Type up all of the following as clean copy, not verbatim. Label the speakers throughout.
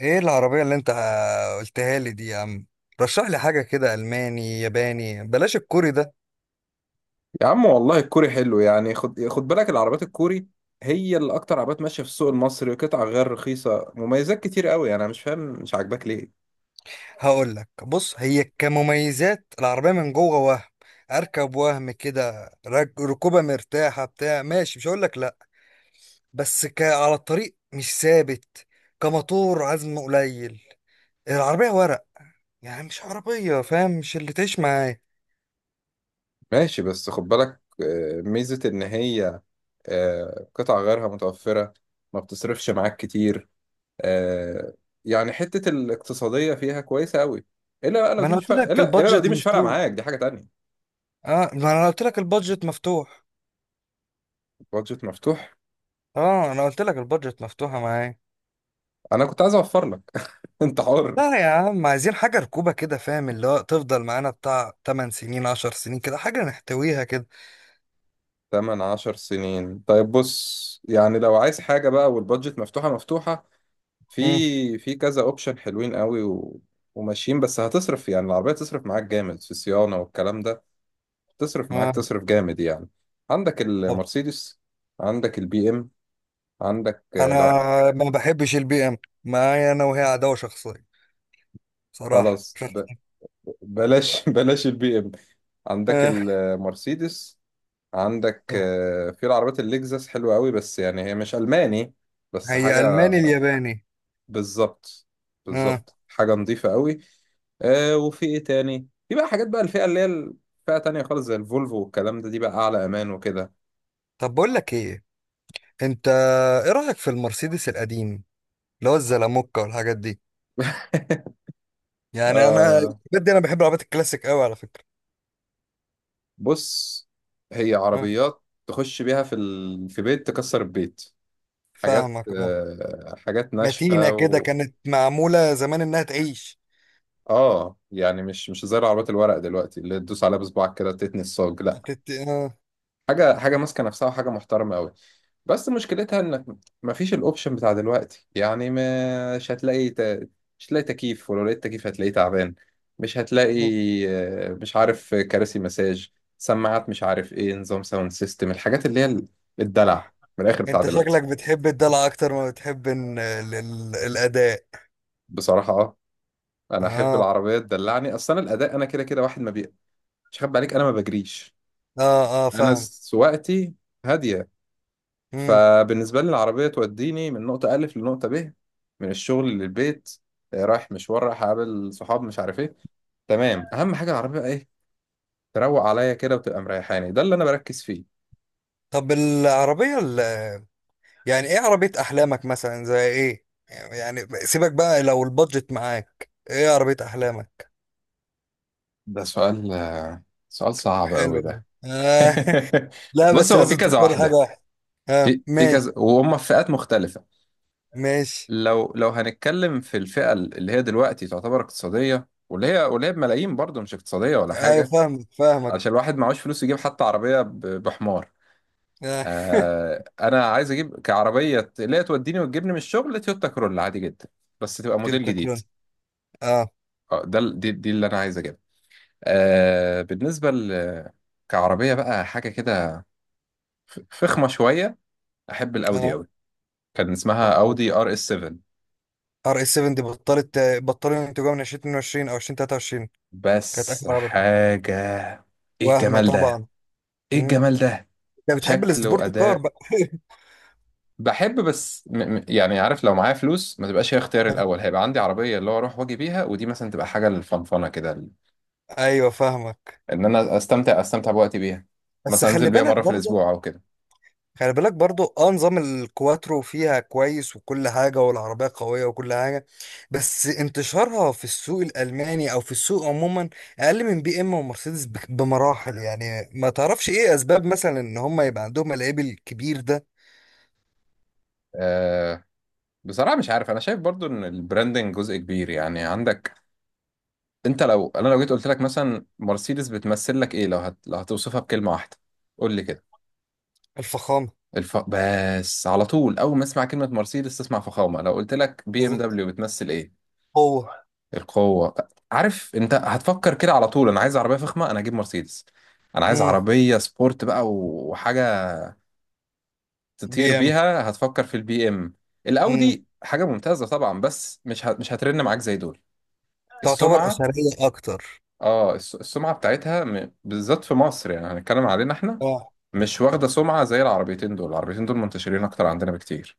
Speaker 1: ايه العربية اللي انت قلتها لي دي يا عم؟ رشح لي حاجة كده، ألماني ياباني، بلاش الكوري ده.
Speaker 2: يا عم والله الكوري حلو يعني خد خد بالك العربيات الكوري هي اللي اكتر عربيات ماشيه في السوق المصري، قطع غير رخيصه، مميزات كتير قوي. انا مش فاهم، مش عاجباك ليه؟
Speaker 1: هقول لك، بص، هي كمميزات العربية من جوه وهم أركب وهم كده، ركوبة مرتاحة بتاع ماشي، مش هقول لك لأ. بس على الطريق مش ثابت، كموتور عزم قليل، العربية ورق، يعني مش عربية فاهم، مش اللي تعيش معاه.
Speaker 2: ماشي بس خد بالك. ميزه ان هي قطع غيرها متوفره، ما بتصرفش معاك كتير. آه، يعني حته الاقتصاديه فيها كويسه قوي. الا بقى لو
Speaker 1: ما
Speaker 2: دي
Speaker 1: أنا
Speaker 2: مش
Speaker 1: قلت
Speaker 2: فارقه،
Speaker 1: لك
Speaker 2: الا لو دي
Speaker 1: البادجت
Speaker 2: مش فارقه
Speaker 1: مفتوح،
Speaker 2: معاك دي حاجه تانية.
Speaker 1: اه ما أنا قلت لك البادجت مفتوح،
Speaker 2: بادجت مفتوح.
Speaker 1: اه أنا قلت لك البادجت مفتوحة معايا.
Speaker 2: انا كنت عايز اوفر لك. انت حر.
Speaker 1: لا يا عم، عايزين حاجة ركوبة كده فاهم، اللي هو تفضل معانا بتاع 8 سنين 10 سنين كده، حاجة نحتويها كده.
Speaker 2: تمن عشر سنين؟ طيب بص يعني لو عايز حاجة بقى والبادجت مفتوحة مفتوحة،
Speaker 1: امم
Speaker 2: في كذا اوبشن حلوين قوي وماشيين، بس هتصرف. يعني العربية تصرف معاك جامد في صيانة والكلام ده، تصرف معاك،
Speaker 1: آه.
Speaker 2: تصرف جامد يعني. عندك
Speaker 1: طب
Speaker 2: المرسيدس، عندك البي ام، عندك
Speaker 1: انا
Speaker 2: لا.
Speaker 1: ما بحبش البي ام، معايا انا وهي عداوة شخصية صراحة
Speaker 2: خلاص
Speaker 1: شخص.
Speaker 2: بلاش. بلاش البي ام. عندك
Speaker 1: آه.
Speaker 2: المرسيدس، عندك
Speaker 1: طب
Speaker 2: في العربيات اللكزس حلوة قوي، بس يعني هي مش ألماني، بس
Speaker 1: هي
Speaker 2: حاجة.
Speaker 1: الماني الياباني؟
Speaker 2: بالظبط،
Speaker 1: آه.
Speaker 2: بالظبط حاجة نظيفة قوي. آه وفي ايه تاني؟ في بقى حاجات بقى، الفئة اللي هي الفئة تانية خالص زي الفولفو والكلام ده، دي بقى أعلى أمان وكده.
Speaker 1: طب بقول لك ايه، انت ايه رأيك في المرسيدس القديم اللي هو الزلاموكا والحاجات دي؟ يعني انا
Speaker 2: آه.
Speaker 1: بجد انا بحب العربيات الكلاسيك قوي على فكرة.
Speaker 2: بص هي
Speaker 1: آه.
Speaker 2: عربيات تخش بيها في في بيت تكسر البيت، حاجات،
Speaker 1: فاهمك اه،
Speaker 2: آه، حاجات
Speaker 1: متينة
Speaker 2: ناشفة
Speaker 1: كده كانت معمولة زمان انها تعيش.
Speaker 2: اه يعني مش زي العربيات الورق دلوقتي اللي تدوس عليها بصباعك كده تتني الصاج، لا،
Speaker 1: آه.
Speaker 2: حاجه حاجه ماسكه نفسها، وحاجه محترمه قوي. بس مشكلتها انك مفيش الاوبشن بتاع دلوقتي يعني. مش هتلاقي مش هتلاقي تكييف، ولو لقيت تكييف هتلاقيه تعبان. مش هتلاقي
Speaker 1: مم.
Speaker 2: مش عارف، كراسي مساج، سماعات، مش عارف ايه، نظام ساوند سيستم، الحاجات اللي هي الدلع من الاخر بتاع
Speaker 1: انت
Speaker 2: دلوقتي.
Speaker 1: شكلك بتحب الدلع اكتر ما بتحب الاداء؟
Speaker 2: بصراحه اه، انا احب
Speaker 1: اه
Speaker 2: العربيه تدلعني. اصلا الاداء انا كده كده واحد ما بي. مش هخبي عليك، انا ما بجريش.
Speaker 1: اه اه
Speaker 2: انا
Speaker 1: فاهم.
Speaker 2: سواقتي هاديه.
Speaker 1: مم.
Speaker 2: فبالنسبة لي العربية توديني من نقطة ألف لنقطة ب، من الشغل للبيت، رايح مشوار، رايح أقابل صحاب، مش عارف إيه. تمام، أهم حاجة العربية بقى إيه؟ تروق عليا كده وتبقى مريحاني. ده اللي أنا بركز فيه.
Speaker 1: طب العربية يعني ايه عربية احلامك مثلا زي ايه يعني؟ سيبك بقى، لو البادجت معاك ايه عربية احلامك؟
Speaker 2: ده سؤال سؤال صعب قوي
Speaker 1: حلو ده.
Speaker 2: ده.
Speaker 1: آه. لا
Speaker 2: بص
Speaker 1: بس
Speaker 2: هو في
Speaker 1: لازم
Speaker 2: كذا
Speaker 1: تختار حاجة
Speaker 2: واحدة،
Speaker 1: واحدة. آه.
Speaker 2: في
Speaker 1: ماشي.
Speaker 2: كذا وهم في فئات مختلفة.
Speaker 1: ماشي.
Speaker 2: لو هنتكلم في الفئة اللي هي دلوقتي تعتبر اقتصادية، واللي هي بملايين برضه، مش اقتصادية ولا
Speaker 1: ايوه
Speaker 2: حاجة،
Speaker 1: فاهمك
Speaker 2: علشان الواحد معهوش فلوس يجيب حتى عربية بحمار.
Speaker 1: اه.
Speaker 2: آه انا عايز اجيب كعربيه اللي هي توديني وتجيبني من الشغل، تويوتا كرولا عادي جدا، بس تبقى موديل
Speaker 1: تويوتا،
Speaker 2: جديد.
Speaker 1: شكرا. اه
Speaker 2: اه، ده دي اللي انا عايز اجيبها. آه بالنسبه ل كعربيه بقى حاجه كده، فخمه شويه، احب الاودي
Speaker 1: اه،
Speaker 2: قوي، كان اسمها اودي ار اس 7،
Speaker 1: ار اس 7 دي بطلت، بطلت انتجها من 2022 او 2023. كانت
Speaker 2: بس
Speaker 1: اخر.
Speaker 2: حاجه، ايه
Speaker 1: وهمة
Speaker 2: الجمال ده،
Speaker 1: طبعا.
Speaker 2: ايه
Speaker 1: مم.
Speaker 2: الجمال ده.
Speaker 1: انت بتحب
Speaker 2: شكل
Speaker 1: السبورت كار
Speaker 2: واداء.
Speaker 1: بقى؟
Speaker 2: بحب بس م م يعني عارف، لو معايا فلوس ما تبقاش هي اختياري الاول. هيبقى عندي عربيه اللي هو اروح واجي بيها، ودي مثلا تبقى حاجه للفنفنه كده.
Speaker 1: ايوه فاهمك.
Speaker 2: ان انا استمتع استمتع بوقتي بيها،
Speaker 1: بس
Speaker 2: مثلا انزل
Speaker 1: خلي
Speaker 2: بيها
Speaker 1: بالك
Speaker 2: مره في
Speaker 1: برضه.
Speaker 2: الاسبوع او كده.
Speaker 1: خلي بالك برضه، اه، نظام الكواترو فيها كويس، وكل حاجه والعربيه قويه وكل حاجه. بس انتشارها في السوق الالماني او في السوق عموما اقل من بي ام ومرسيدس بمراحل. يعني ما تعرفش ايه اسباب مثلا ان هم يبقى عندهم العيب الكبير ده؟
Speaker 2: أه بصراحه مش عارف، انا شايف برضو ان البراندنج جزء كبير. يعني عندك، انت لو انا لو جيت قلت لك مثلا مرسيدس بتمثل لك ايه؟ لو لو هتوصفها بكلمه واحده، قول لي كده.
Speaker 1: الفخامه.
Speaker 2: بس على طول، اول ما اسمع كلمه مرسيدس تسمع فخامه. لو قلت لك بي ام
Speaker 1: بالظبط.
Speaker 2: دبليو بتمثل ايه؟
Speaker 1: هو.
Speaker 2: القوه. عارف انت هتفكر كده على طول، انا عايز عربيه فخمه، انا هجيب مرسيدس. انا عايز
Speaker 1: امم
Speaker 2: عربيه سبورت بقى وحاجه
Speaker 1: بي
Speaker 2: تطير
Speaker 1: ام.
Speaker 2: بيها، هتفكر في البي ام.
Speaker 1: امم
Speaker 2: الاودي حاجه ممتازه طبعا، بس مش هترن معاك زي دول.
Speaker 1: تعتبر
Speaker 2: السمعه،
Speaker 1: اسريه اكتر.
Speaker 2: اه السمعه بتاعتها بالذات في مصر، يعني هنتكلم علينا احنا،
Speaker 1: آه.
Speaker 2: مش واخده سمعه زي العربيتين دول. العربيتين دول منتشرين اكتر عندنا بكتير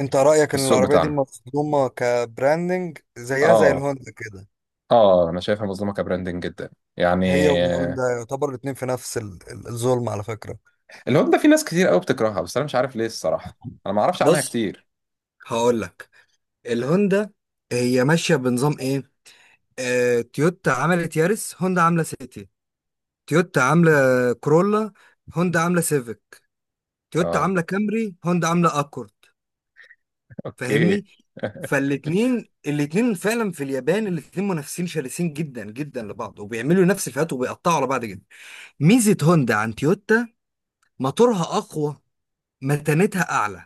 Speaker 1: انت
Speaker 2: في
Speaker 1: رأيك ان
Speaker 2: السوق
Speaker 1: العربية دي
Speaker 2: بتاعنا.
Speaker 1: مصدومة كبراندنج زيها زي
Speaker 2: اه.
Speaker 1: الهوندا كده؟
Speaker 2: اه انا شايفها مظلومه كبراندنج جدا يعني.
Speaker 1: هي والهوندا يعتبر الاتنين في نفس الظلم، على فكرة.
Speaker 2: الهوندا في ناس كتير قوي بتكرهها، بس انا مش عارف ليه الصراحه. انا ما اعرفش عنها
Speaker 1: بص
Speaker 2: كتير.
Speaker 1: هقول لك، الهوندا هي ماشيه بنظام ايه؟ آه، تويوتا عملت يارس، هوندا عامله سيتي، تويوتا عامله كرولا، هوندا عامله سيفيك، تويوتا
Speaker 2: اه.
Speaker 1: عامله كامري، هوندا عامله اكورد.
Speaker 2: اوكي.
Speaker 1: فاهمني؟ فالاتنين الاتنين فعلا في اليابان الاتنين منافسين شرسين جدا جدا لبعض، وبيعملوا نفس الفئات وبيقطعوا على بعض جدا. ميزة هوندا عن تويوتا، موتورها أقوى، متانتها أعلى،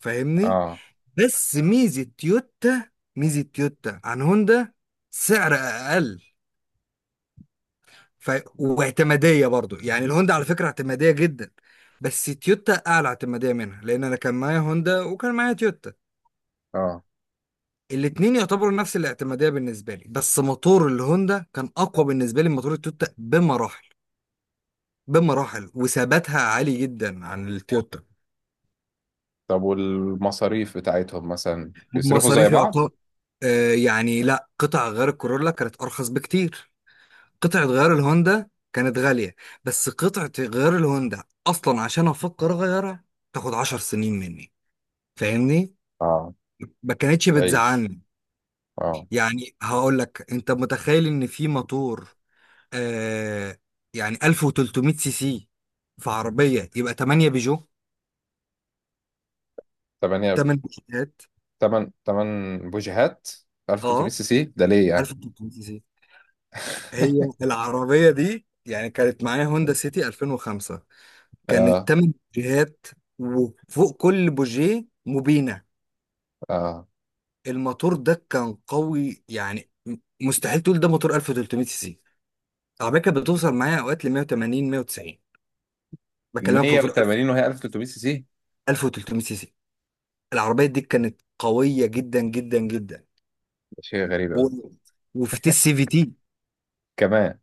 Speaker 1: فاهمني؟
Speaker 2: اه،
Speaker 1: بس ميزة تويوتا، ميزة تويوتا عن هوندا، سعر أقل. واعتمادية برضو، يعني الهوندا على فكرة اعتمادية جدا، بس تويوتا أعلى اعتمادية منها، لأن أنا كان معايا هوندا وكان معايا تويوتا.
Speaker 2: اه.
Speaker 1: الاتنين يعتبروا نفس الاعتمادية بالنسبة لي، بس موتور الهوندا كان أقوى بالنسبة لي من موتور التويوتا بمراحل. بمراحل، وثباتها عالي جدا عن التويوتا.
Speaker 2: طب والمصاريف بتاعتهم مثلا بيصرفوا زي
Speaker 1: بمصاريف
Speaker 2: بعض؟
Speaker 1: يعتبر آه، يعني لا، قطع غيار الكورولا كانت ارخص بكتير. قطعة غيار الهوندا كانت غالية، بس قطعة غيار الهوندا اصلا عشان افكر اغيرها تاخد عشر سنين مني، فاهمني؟
Speaker 2: اه
Speaker 1: ما كانتش
Speaker 2: تعيش
Speaker 1: بتزعلني.
Speaker 2: اه.
Speaker 1: يعني هقول لك، انت متخيل ان في موتور، آه، يعني 1300 سي سي في عربية يبقى 8 بيجو،
Speaker 2: تمانية.
Speaker 1: 8 بيجوهات.
Speaker 2: تمن بوجيهات. 1300
Speaker 1: اه،
Speaker 2: سي سي ده ليه يعني؟
Speaker 1: 1300 سي سي هي العربية دي، يعني كانت معايا هوندا سيتي 2005، كانت
Speaker 2: اه،
Speaker 1: تمن بوجيهات وفوق كل بوجيه مبينة.
Speaker 2: اه.
Speaker 1: الموتور ده كان قوي، يعني مستحيل تقول ده موتور 1300 سي سي. العربية كانت بتوصل معايا اوقات ل 180 190، بكلمك في موتور 1000،
Speaker 2: 180 وهي 1300 سي سي؟
Speaker 1: 1300 سي سي. العربية دي كانت قوية جدا جدا جدا.
Speaker 2: ده شيء غريب
Speaker 1: و...
Speaker 2: أوي
Speaker 1: وفي تي سي في تي.
Speaker 2: كمان.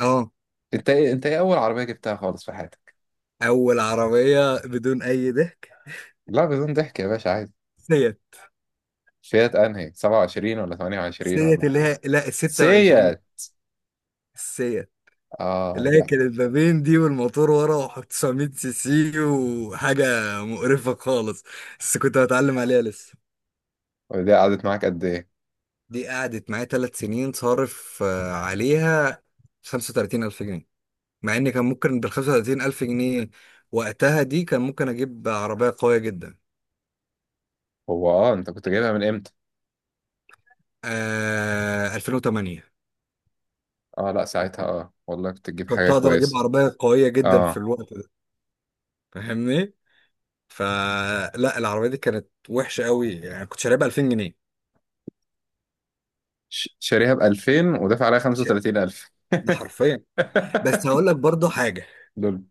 Speaker 1: اه،
Speaker 2: انت ايه اول عربية جبتها خالص في حياتك؟
Speaker 1: اول عربية بدون اي ضحك،
Speaker 2: لا بدون ضحك يا باشا عادي.
Speaker 1: سيت،
Speaker 2: فيات انهي 27 ولا 28
Speaker 1: سيت
Speaker 2: ولا؟
Speaker 1: اللي هي لا، ال 26،
Speaker 2: سيات.
Speaker 1: السيت،
Speaker 2: اه دي.
Speaker 1: لكن البابين دي والموتور ورا وحط 900 سي سي وحاجة مقرفة خالص، بس كنت هتعلم عليها لسه.
Speaker 2: دي قعدت معاك قد ايه؟
Speaker 1: دي قعدت معايا ثلاث سنين، صارف آه، عليها 35 ألف جنيه. مع إن كان ممكن بال 35 ألف جنيه وقتها، دي كان ممكن أجيب عربية قوية جدا.
Speaker 2: هو اه انت كنت جايبها من امتى؟
Speaker 1: آه، 2008.
Speaker 2: اه لا، ساعتها اه والله كنت تجيب
Speaker 1: كنت
Speaker 2: حاجة
Speaker 1: أقدر أجيب
Speaker 2: كويسة.
Speaker 1: عربية قوية جدا في
Speaker 2: اه.
Speaker 1: الوقت ده، فاهمني؟ فلا العربية دي كانت وحشة قوي يعني، كنت شاريها ب 2000 جنيه،
Speaker 2: شاريها ب 2000 ودافع عليها 35,000؟
Speaker 1: ده حرفيا. بس هقول لك برضه حاجة،
Speaker 2: دول.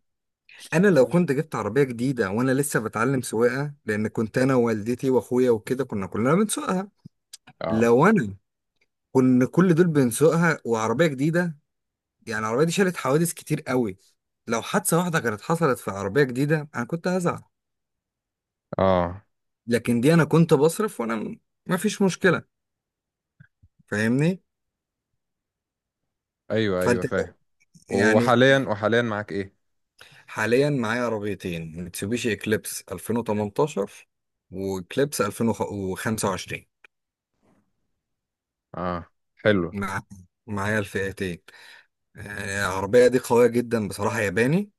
Speaker 1: أنا لو كنت جبت عربية جديدة وأنا لسه بتعلم سواقة، لأن كنت أنا ووالدتي وأخويا وكده كنا كلنا بنسوقها،
Speaker 2: اه،
Speaker 1: لو أنا كنا كل دول بنسوقها وعربية جديدة، يعني العربية دي شالت حوادث كتير قوي، لو حادثة واحدة كانت حصلت في عربية جديدة أنا كنت هزعل،
Speaker 2: اه،
Speaker 1: لكن دي أنا كنت بصرف وأنا مفيش مشكلة، فاهمني؟
Speaker 2: ايوه، ايوه
Speaker 1: فأنت.
Speaker 2: فاهم.
Speaker 1: يعني
Speaker 2: وحاليا معاك ايه؟
Speaker 1: حاليا معايا عربيتين، ميتسوبيشي إكليبس 2018 وإكليبس 2025.
Speaker 2: اه حلو.
Speaker 1: مع معايا الفئتين. آه، العربية دي قوية جدا بصراحة، ياباني،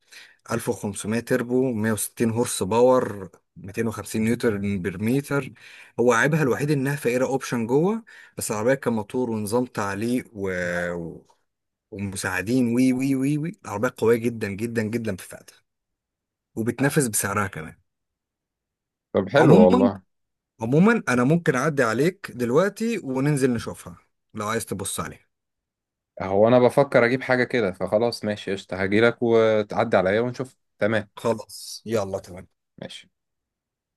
Speaker 1: 1500 تربو، 160 هورس باور، 250 نيوتن بير متر. هو عيبها الوحيد انها فقيرة اوبشن جوه، بس العربية كموتور ونظام تعليق و- ومساعدين وي وي وي وي، العربية قوية جدا جدا جدا في فئتها، وبتنافس بسعرها كمان.
Speaker 2: طب حلو
Speaker 1: عموما،
Speaker 2: والله.
Speaker 1: عموما انا ممكن اعدي عليك دلوقتي وننزل نشوفها لو عايز تبص عليها.
Speaker 2: هو انا بفكر اجيب حاجه كده، فخلاص ماشي قشطه، هجيلك وتعدي عليا ونشوف. تمام
Speaker 1: خلاص يلا، تمام.
Speaker 2: ماشي.